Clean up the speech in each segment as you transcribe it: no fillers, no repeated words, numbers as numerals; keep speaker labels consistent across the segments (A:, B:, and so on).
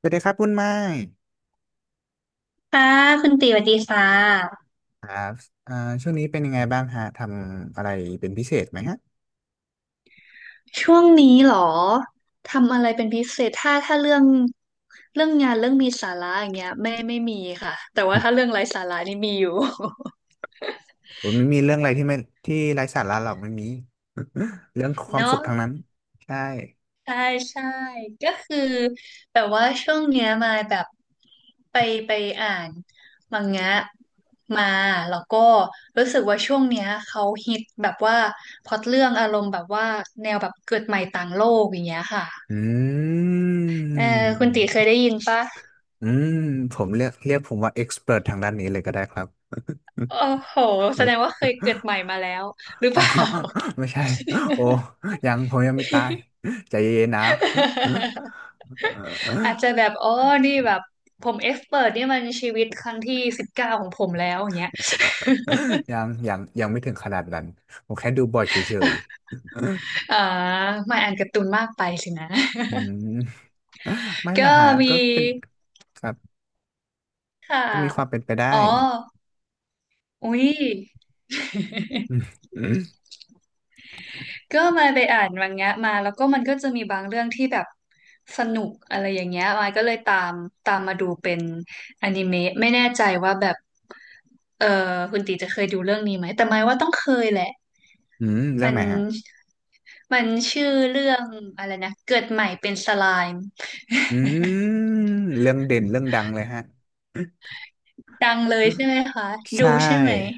A: สวัสดีครับคุณไม้
B: ค่ะคุณตีสวัสดีค่ะ
A: ครับอ่าช่วงนี้เป็นยังไงบ้างฮะทำอะไรเป็นพิเศษไหมฮะ
B: ช่วงนี้เหรอทำอะไรเป็นพิเศษถ้าเรื่องงานเรื่องมีสาระอย่างเงี้ยไม่มีค่ะแต่ว่าถ้าเรื่องไร้สาระนี่มีอยู่
A: ผมไม่มีเรื่องอะไรที่ไร้สาระหรอกไม่มี เรื่องค วามสุ
B: เนาะ
A: ขทั้งนั้น ใช่
B: ใช่ใช่ก็คือแบบว่าช่วงเนี้ยมาแบบไปไปอ่านมังงะมาแล้วก็รู้สึกว่าช่วงเนี้ยเขาฮิตแบบว่าพล็อตเรื่องอารมณ์แบบว่าแนวแบบเกิดใหม่ต่างโลกอย่างเงี้ยค่ะ
A: อื
B: เออคุณตี
A: ม
B: เคยได้ยินปะ
A: อืม ผมเรียกผมว่าเอ็กซ์เพรททางด้านนี้เลยก็ได้ครับ
B: โอ้โหแสดงว่าเคยเกิดใหม่มาแล้วหรื อ
A: อ๋
B: เป
A: อ
B: ล่า
A: ไม่ใช่ โอ้ผมยังไม่ตายใจเย็นๆนะ
B: อาจจะแบบอ๋อนี่แบบผมเอ็กซ์เพิร์นี่มันชีวิตครั้งที่19ของผมแล้วอย่างเงี้ย
A: ยังไม่ถึงขนาดนั้นผมแค่ดูบ่อยเฉย
B: อ่าไม่อ่านการ์ตูนมากไปสินะ
A: อืมไม่ ละ
B: ก็
A: ฮะ
B: มี
A: ก็เป็นครับ
B: ค่ะ
A: ก็มีความเป็นไปได้
B: อ๋อ อุ้ย
A: อืมอืม
B: ก็มาไปอ่านมังงะมาแล้วก็มันก็จะมีบางเรื่องที่แบบสนุกอะไรอย่างเงี้ยมายก็เลยตามมาดูเป็นอนิเมะไม่แน่ใจว่าแบบ เออคุณตีจะเคยดูเรื่องนี้ไหมแต่หมายว่าต้องเคยแหละ
A: เรื่อ
B: มั
A: ง
B: น
A: ไหนฮะ
B: มันชื่อเรื่องอะไรนะเกิดใหม่เป็นสไลม์
A: อืมเรื่องเด่นเรื่องดังเลยฮะ
B: ดังเลยใช่ไหมคะ
A: ใช
B: ดูใช่ไหม
A: ่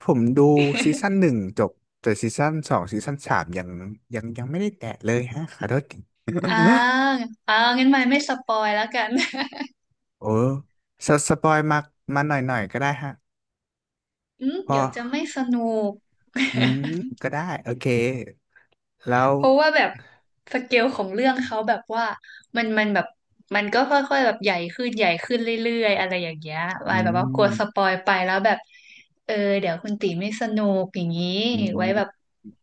A: ผมดูซีซั่นหนึ่งจบแต่ซีซั่นสองซีซั่นสามยังไม่ได้แตะเลยฮะขอโทษที
B: อ่างั้นหมายไม่สปอยแล้วกัน
A: โอ้สปอยมาหน่อยหน่อยก็ได้ฮะ
B: อืม
A: เพอ
B: เดี๋ยวจะไม่สนุก
A: อืม ก็ได้โอเคแล้ว
B: เพราะว่าแบบสเกลของเรื่องเขาแบบว่ามันแบบมันก็ค่อยๆแบบใหญ่ขึ้นใหญ่ขึ้นเรื่อยๆอะไรอย่างเงี้ยไว้
A: อื
B: แบบว่ากลัว
A: ม
B: สปอยไปแล้วแบบเออเดี๋ยวคุณตีไม่สนุกอย่างนี้
A: อื
B: ไว้แบบ
A: ม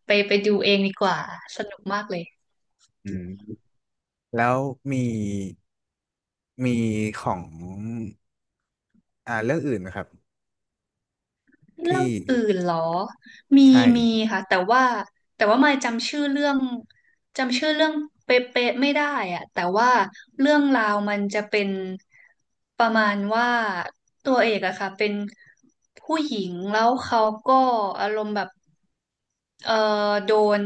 B: ไปดูเองดีกว่าสนุกมากเลย
A: อืมแล้วมี มีของเรื่องอื่นนะครับ
B: เรื่อง
A: ที่
B: อื่นเหรอ มี
A: ใช่
B: มีค่ะแต่ว่าไม่จำชื่อเรื่องเป๊ะๆไม่ได้อะแต่ว่าเรื่องราวมันจะเป็นประมาณว่าตัวเอกอะค่ะเป็นผู้หญิงแล้วเขาก็อารมณ์แบบเออโดน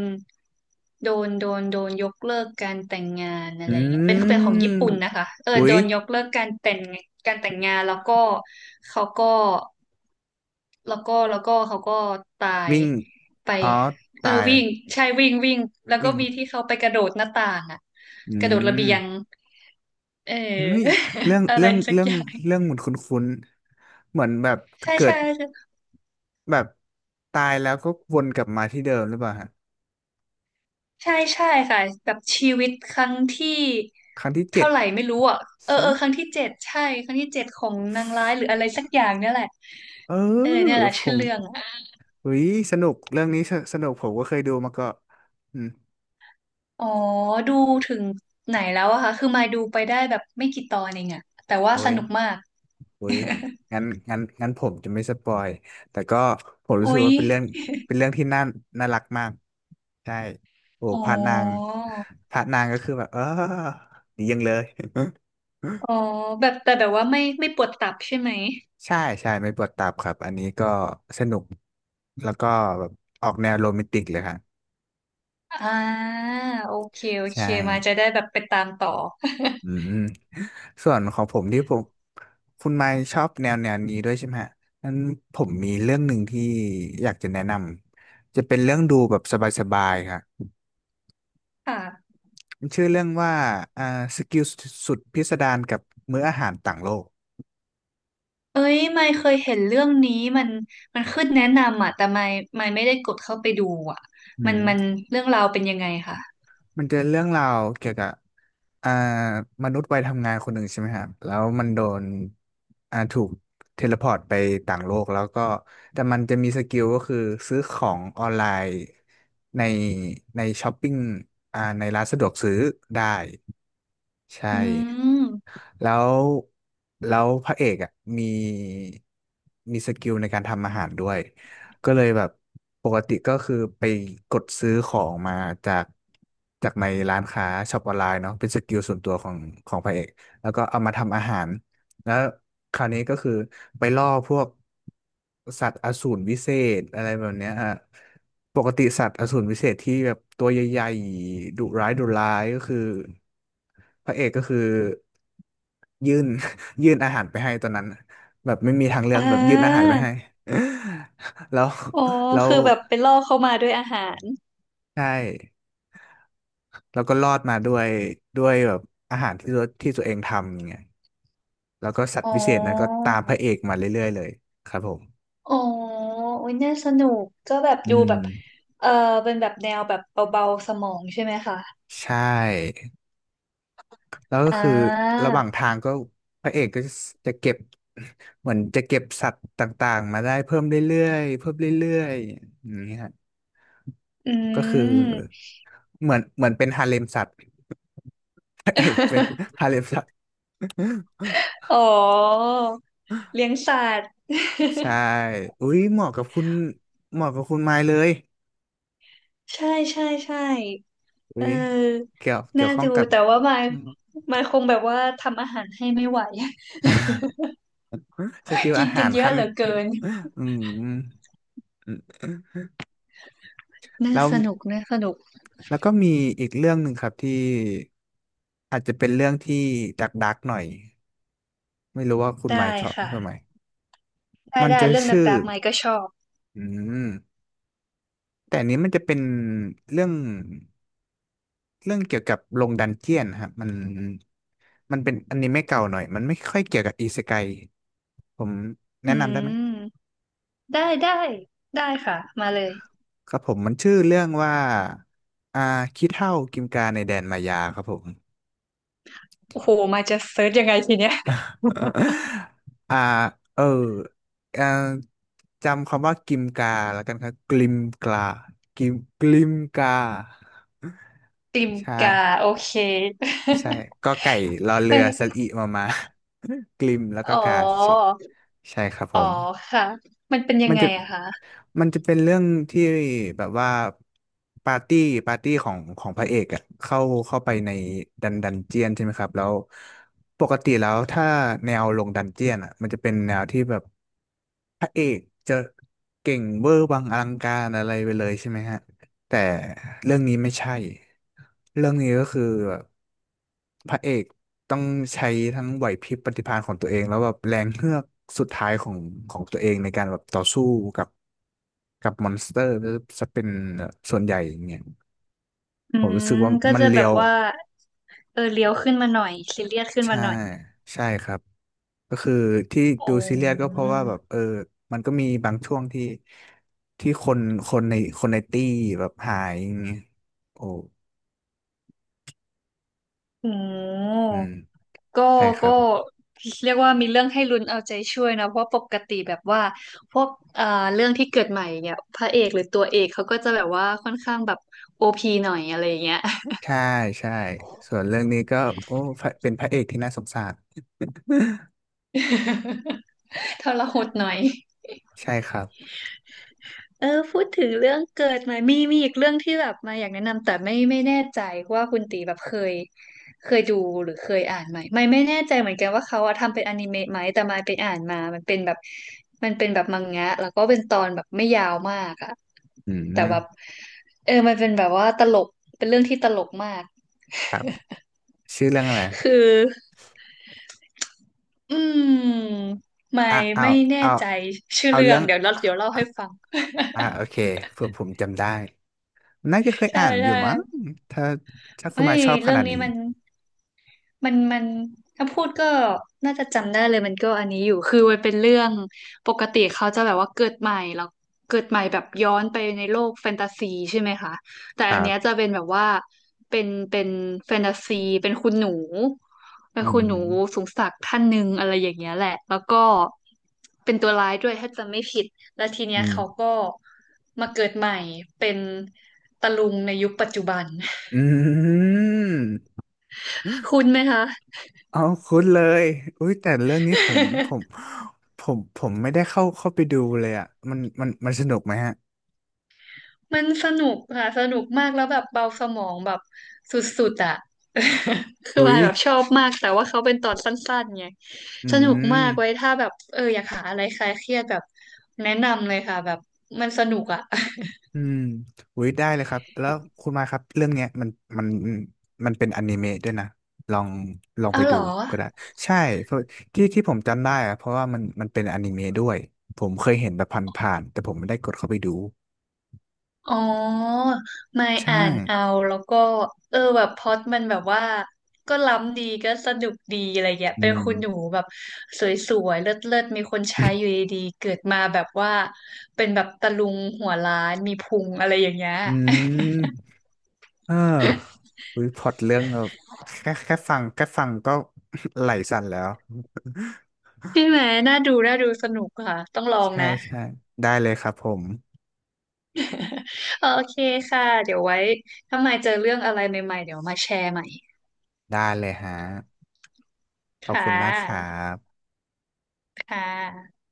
B: โดนยกเลิกการแต่งงานอะ
A: อื
B: ไรเงี้ยเป็นของ
A: ม
B: ญี่ปุ่นนะคะเออ
A: อุ๊
B: โด
A: ย
B: นยกเลิกการแต่งงานแล้วก็เขาก็ แล้วก็เขาก็ตาย
A: วิ่ง
B: ไป
A: อ๋อ
B: เออ
A: ตาย
B: วิ่งใช่วิ่งวิ่งแล้วก็
A: วิ่ง
B: มีที่เขาไปกระโดดหน้าต่างอะ
A: อื
B: กระโดดระเบี
A: ม
B: ยงเออ
A: เฮ้ยเรื่อง
B: อะไร
A: เรื่อง
B: สัก
A: เรื่อ
B: อ
A: ง
B: ย่าง
A: เรื่องเหมือนคุ้นๆเหมือนแบบ
B: ใช่
A: เกิ
B: ใช่
A: ดแบบตายแล้วก็วนกลับมาที่เดิมหรือเปล่าฮะ
B: ใช่ใช่ใช่ค่ะแบบชีวิตครั้งที่
A: ครั้งที่เจ็ด
B: เท่าไหร่ไม่รู้อ่ะเออ
A: ใช่ไห
B: เอ
A: ม
B: อครั้งที่เจ็ดใช่ครั้งที่เจ็ดของนางร้ายหรืออะไรสักอย่างเนี่ยแหละ
A: เอ
B: เออเนี่ย
A: อ
B: แหละ
A: ผ
B: ชื่อ
A: ม
B: เรื่องอะ
A: อุ้ยสนุกเรื่องนี้สนุกผมก็เคยดูมาก็อืม
B: อ๋อดูถึงไหนแล้วอะคะคือมายดูไปได้แบบไม่กี่ตอนเองอะแต่ว่า
A: โอ้
B: ส
A: ย
B: นุกมาก
A: อุ้ยงั้นงั้นผมจะไม่สปอยแต่ก็ผมรู้สึ
B: โอ๊
A: ก
B: ย
A: ว่าเป็นเรื่องที่น่าน่ารักมากใช่โอ้
B: อ๋อ
A: พระนางก็คือแบบเออดียังเลย
B: อ๋อแบบแต่แบบว่าไม่ปวดตับใช่ไหม
A: ใช่ใช่ไม่ปวดตับครับอันนี้ก็สนุกแล้วก็แบบออกแนวโรแมนติกเลยครับ
B: อ่าโอเคโอเค
A: ใช่
B: มาจะได้แบบไปตามต่อ
A: อืมส่วนของผมคุณไมค์ชอบแนวนี้ด้วยใช่ไหมฮะนั้นผมมีเรื่องหนึ่งที่อยากจะแนะนำจะเป็นเรื่องดูแบบสบายๆครับ
B: ค่ะ
A: มันชื่อเรื่องว่าอ่าสกิลสุดพิสดารกับมื้ออาหารต่างโลก
B: เอ้ยไม่เคยเห็นเรื่องนี้มันมันขึ้นแนะนำอ่ะแต่ไม่ได้กดเข้าไปดูอ่ะ
A: อื
B: มัน
A: ม
B: เรื่องราวเป็นยังไงค่ะ
A: มันจะเรื่องราวเกี่ยวกับอ่ามนุษย์วัยทำงานคนหนึ่งใช่ไหมครับแล้วมันโดนถูกเทเลพอร์ตไปต่างโลกแล้วก็ แต่มันจะมีสกิลก็คือซื้อของออนไลน์ในในช้อปปิ้งในร้านสะดวกซื้อได้ ใช่
B: อืม
A: แล้วแล้วพระเอกอ่ะมีมีสกิลในการทำอาหารด้วยก็เลยแบบปกติก็คือไปกดซื้อของมาจากจากในร้านค้าช็อปออนไลน์เนาะเป็นสกิลส่วนตัวของพระเอกแล้วก็เอามาทำอาหาร แล้วคราวนี้ก็คือไปล่อพวกสัตว์อสูรวิเศษอะไรแบบเนี้ยฮะปกติสัตว์อสูรวิเศษที่แบบตัวใหญ่ๆดุร้ายดุร้ายก็คือพระเอกก็คือยื่น ยื่นอาหารไปให้ตอนนั้นแบบไม่มีทางเลือ
B: อ่
A: กแบบยื่นอาหาร
B: า
A: ไปให้ แล้ว
B: อ๋อ
A: แล้ว
B: คือแบบไปล่อเข้ามาด้วยอาหาร
A: ใช่ แล้วก็รอดมาด้วยแบบอาหารที่ตัวเองทำอย่างเงี้ยแล้วก็สัต
B: อ๋
A: ว์วิเศษนั้นก็
B: อ
A: ตามพระเอกมาเรื่อยๆเลยครับผม
B: อ๋อโอ้ยน่าสนุกก็แบบ
A: อื
B: ดูแบบ
A: ม
B: เออเป็นแบบแนวแบบเบาๆสมองใช่ไหมคะ
A: ใช่แล้วก็
B: อ่
A: คือ
B: า
A: ระหว่างทางก็พระเอกก็จะเก็บ เหมือนจะเก็บสัตว์ต่างๆมาได้เพิ่มเรื่อยๆเพิ่มเรื่อยๆอย่างนี้ฮะ
B: อื
A: ก็คือ
B: ม
A: เหมือนเป็นฮาเลมสัตว์พระเอกเป็น ฮาเลมสัตว์
B: อ๋อเลี้ยงสัตว์
A: ใช่อุ้ยเหมาะกับคุณไมค์เลย
B: ใช่ใช่ใช่เ
A: อุ้ย
B: ออ
A: เกี่ย
B: น่า
A: วข้อง
B: ดู
A: กับ
B: แต่ว่ามาย
A: อืม
B: มายคงแบบว่าทำอาหารให้ไม่ไหว
A: สกิล
B: กิ
A: อา
B: นกั
A: หา
B: น
A: ร
B: เยอะ
A: ขั้น
B: เหลือเกิน
A: อืมอืมอืม
B: น่า
A: แล้ว
B: สนุกน่าสนุก
A: ก็มีอีกเรื่องหนึ่งครับที่อาจจะเป็นเรื่องที่ดักดักหน่อยไม่รู้ว่าคุณหมา
B: ได้
A: ยชอบทำไม
B: ค่ะ ได้
A: มัน
B: ได้
A: จะ
B: เรื่องด
A: ชื่อ
B: ักๆมายก็ชอบ
A: อืมแต่อันนี้มันจะเป็นเรื่องเรื่องเกี่ยวกับลงดันเจียนครับมันเป็นอนิเมะเก่าหน่อยมันไม่ค่อยเกี่ยวกับอิเซไกผมแนะ
B: อื
A: นำได้ไหม
B: มได้ได้ได้ค่ะ มาเลย
A: ครับผมมันชื่อเรื่องว่าอ่าขี้เถ้ากิมกาในแดนมายาครับผม
B: โอ้โห มายจะเซิร์ชยังไงทีเนี้ย
A: อ่าเออเอ่อจำคำว่ากิมกาแล้วกันครับกิมกากิมกิมกา
B: ติม
A: ใช่
B: กาโอเค
A: ใช่ก็ไก่รอ เรื
B: ไม่
A: อสระอิมามา กลิมแล้ว
B: อ๋
A: ก็
B: อ
A: กาเฉยใช่ครับผ
B: อ๋อ
A: ม
B: ค่ะมันเป็นยั
A: มั
B: ง
A: น
B: ไง
A: จะ
B: อะคะ
A: มันจะเป็นเรื่องที่แบบว่าปาร์ตี้ปาร์ตี้ของพระเอกอะเข้าไปในดันเจียนใช่ไหมครับแล้วปกติแล้วถ้าแนวลงดันเจียนอะมันจะเป็นแนวที่แบบพระเอกจะเก่งเวอร์วังอลังการอะไรไปเลยใช่ไหมฮะแต่เรื่องนี้ไม่ใช่เรื่องนี้ก็คือแบบพระเอกต้องใช้ทั้งไหวพริบปฏิภาณของตัวเองแล้วแบบแรงเฮือกสุดท้ายของตัวเองในการแบบต่อสู้กับ กับมอนสเตอร์จะเป็นส่วนใหญ่อย่างเงี้ย
B: อื
A: ผมรู้
B: ม
A: สึกว่า
B: ก็
A: มัน
B: จะแบ
A: เลีย
B: บ
A: ว
B: ว่าเออเลี้ยวขึ้นมาหน่อยซีเรียสขึ้นมา
A: ใช่
B: หน่อย
A: ใช่ครับก็คือที่
B: อ๋
A: ดูซีเรียสก็
B: อ
A: เพราะว่าแบบเออมันก็มีบางช่วงที่คนคนในคนในตี้แบบหายอย่างเงี้ยโอ้
B: อืม
A: อืม
B: ก็
A: ใช่ครั
B: ก็
A: บ
B: เรียกว่ามีเรื่องให้ลุ้นเอาใจช่วยนะเพราะปกติแบบว่าพวกเอ่อเรื่องที่เกิดใหม่เนี่ยพระเอกหรือตัวเอกเขาก็จะแบบว่าค่อนข้างแบบโอพีหน่อยอะไรอย่างเงี้ย
A: ใช่ใช่ส่วนเรื่องนี้ก็โอ้พระเป็นพระเอกที่น่าสงสาร
B: ทรหดหน่อย
A: ใช่ครับ
B: เออพูดถึงเรื่องเกิดมามีอีกเรื่องที่แบบมาอยากแนะนำแต่ไม่แน่ใจว่าคุณตีแบบเคยดูหรือเคยอ่านไหมไม่แน่ใจเหมือนกันว่าเขาอะทำเป็นอนิเมะไหมแต่มาไปอ่านมามันเป็นแบบมังงะแล้วก็เป็นตอนแบบไม่ยาวมากอะ
A: อื
B: แต่แบบ
A: ม
B: เออมันเป็นแบบว่าตลกเป็นเรื่องที่ตลกมาก
A: ครับชื่อเรื่องอะไร
B: คืออืมไม่
A: อ่ะ
B: ไม่แน่
A: เอา
B: ใจชื่อ
A: เอา
B: เรื่อ
A: เรื่อ
B: ง
A: ง
B: เดี๋ยวเล่าให้ฟัง
A: โอเคเผื่อผมจำได้ น่าจะเคย
B: ใช่
A: อ่านอยู่
B: ใช่
A: มั้งถ้าคุ
B: ไม่
A: ณมาชอบข
B: เรื่อ
A: นา
B: ง
A: ด
B: นี้
A: นี้
B: มัน มันถ้าพูดก็น่าจะจำได้เลยมันก็อันนี้อยู่คือมันเป็นเรื่องปกติเขาจะแบบว่าเกิดใหม่แล้วเกิดใหม่แบบย้อนไปในโลกแฟนตาซีใช่ไหมคะแต่
A: ค
B: อั
A: รั
B: นเนี้ยจะ
A: บ
B: เป็นแบบว่าเป็นแฟนตาซีเป็นคุณหนูเป็น
A: อื
B: คุณหนู
A: ม
B: สูงศักดิ์ท่านหนึ่งอะไรอย่างเงี้ยแหละแล้วก็เป็นตัวร้ายด้วยถ้าจำไม่ผิดแล้วที
A: อื
B: เนี้ยเขา
A: ม
B: ก็มาเกิดใหม่เป็นตะลุงในยุคปัจจุบัน
A: อืม
B: คุณไหมคะ
A: เอาคุ้นเลยอุ้ยแต่เรื่องนี้ผมผม ผมผมไม่ได้เข้าไปดูเลยอ่ะมันสนุกไหมฮะ
B: มันสนุกค่ะสนุกมากแล้วแบบเบาสมองแบบสุดๆอ่ะ คือ
A: อุ้
B: วา
A: ย
B: ยแบบชอบมากแต่ว่าเขาเป็นตอนสั้นๆไง
A: อื
B: สนุกมา
A: ม
B: กไว้ถ้าแบบเอออยากหาอะไรคลายเครียดแบบแนะนำเลยค่ะแบบมันสนุกอ่ะ
A: อืมอุ้ยได้เลยครับ แล้วคุณมาครับเรื่องเนี้ยมันมันเป็นอนิเมะด้วยนะลองลองไป
B: เอาเห
A: ดู
B: รอ
A: ก็ได้ใช่เพราะที่ผมจำได้อะเพราะว่ามันเป็นอนิเมะด้วยผมเคยเห็นแบบผ่านๆแต่ผมไม่ได้กดเข้าไปดู
B: อ๋อไม่
A: ใช่
B: อ่านเอาแล้วก็เออแบบพล็อตมันแบบว่าก็ล้ำดีก็สนุกดีอะไรเงี้ย
A: อื
B: เป็นคุณหนู
A: ม
B: แบบสวยๆเลิศๆมีคนใช้อยู่ดีๆเกิดมาแบบว่าเป็นแบบตะลุงหัวล้านมีพุงอะไรอย่างเงี้ย
A: อืมเอออุ้ยพล็อตเรื่องแบบแค่ฟังก็ ไหลสั่นแล้ว
B: ใช่ไหมน่าดูน่าดูสนุกค่ะต้องลอ ง
A: ใช่
B: นะ
A: ใช่ได้เลยครับผม
B: โอเคค่ะเดี๋ยวไว้ถ้ามายเจอเรื่องอะไรใหม่ๆเดี๋ยวมาแชร์ใหม่
A: ได้เลยฮะขอบ
B: ค่
A: คุณมากครั
B: ะ
A: บ
B: ค่ะ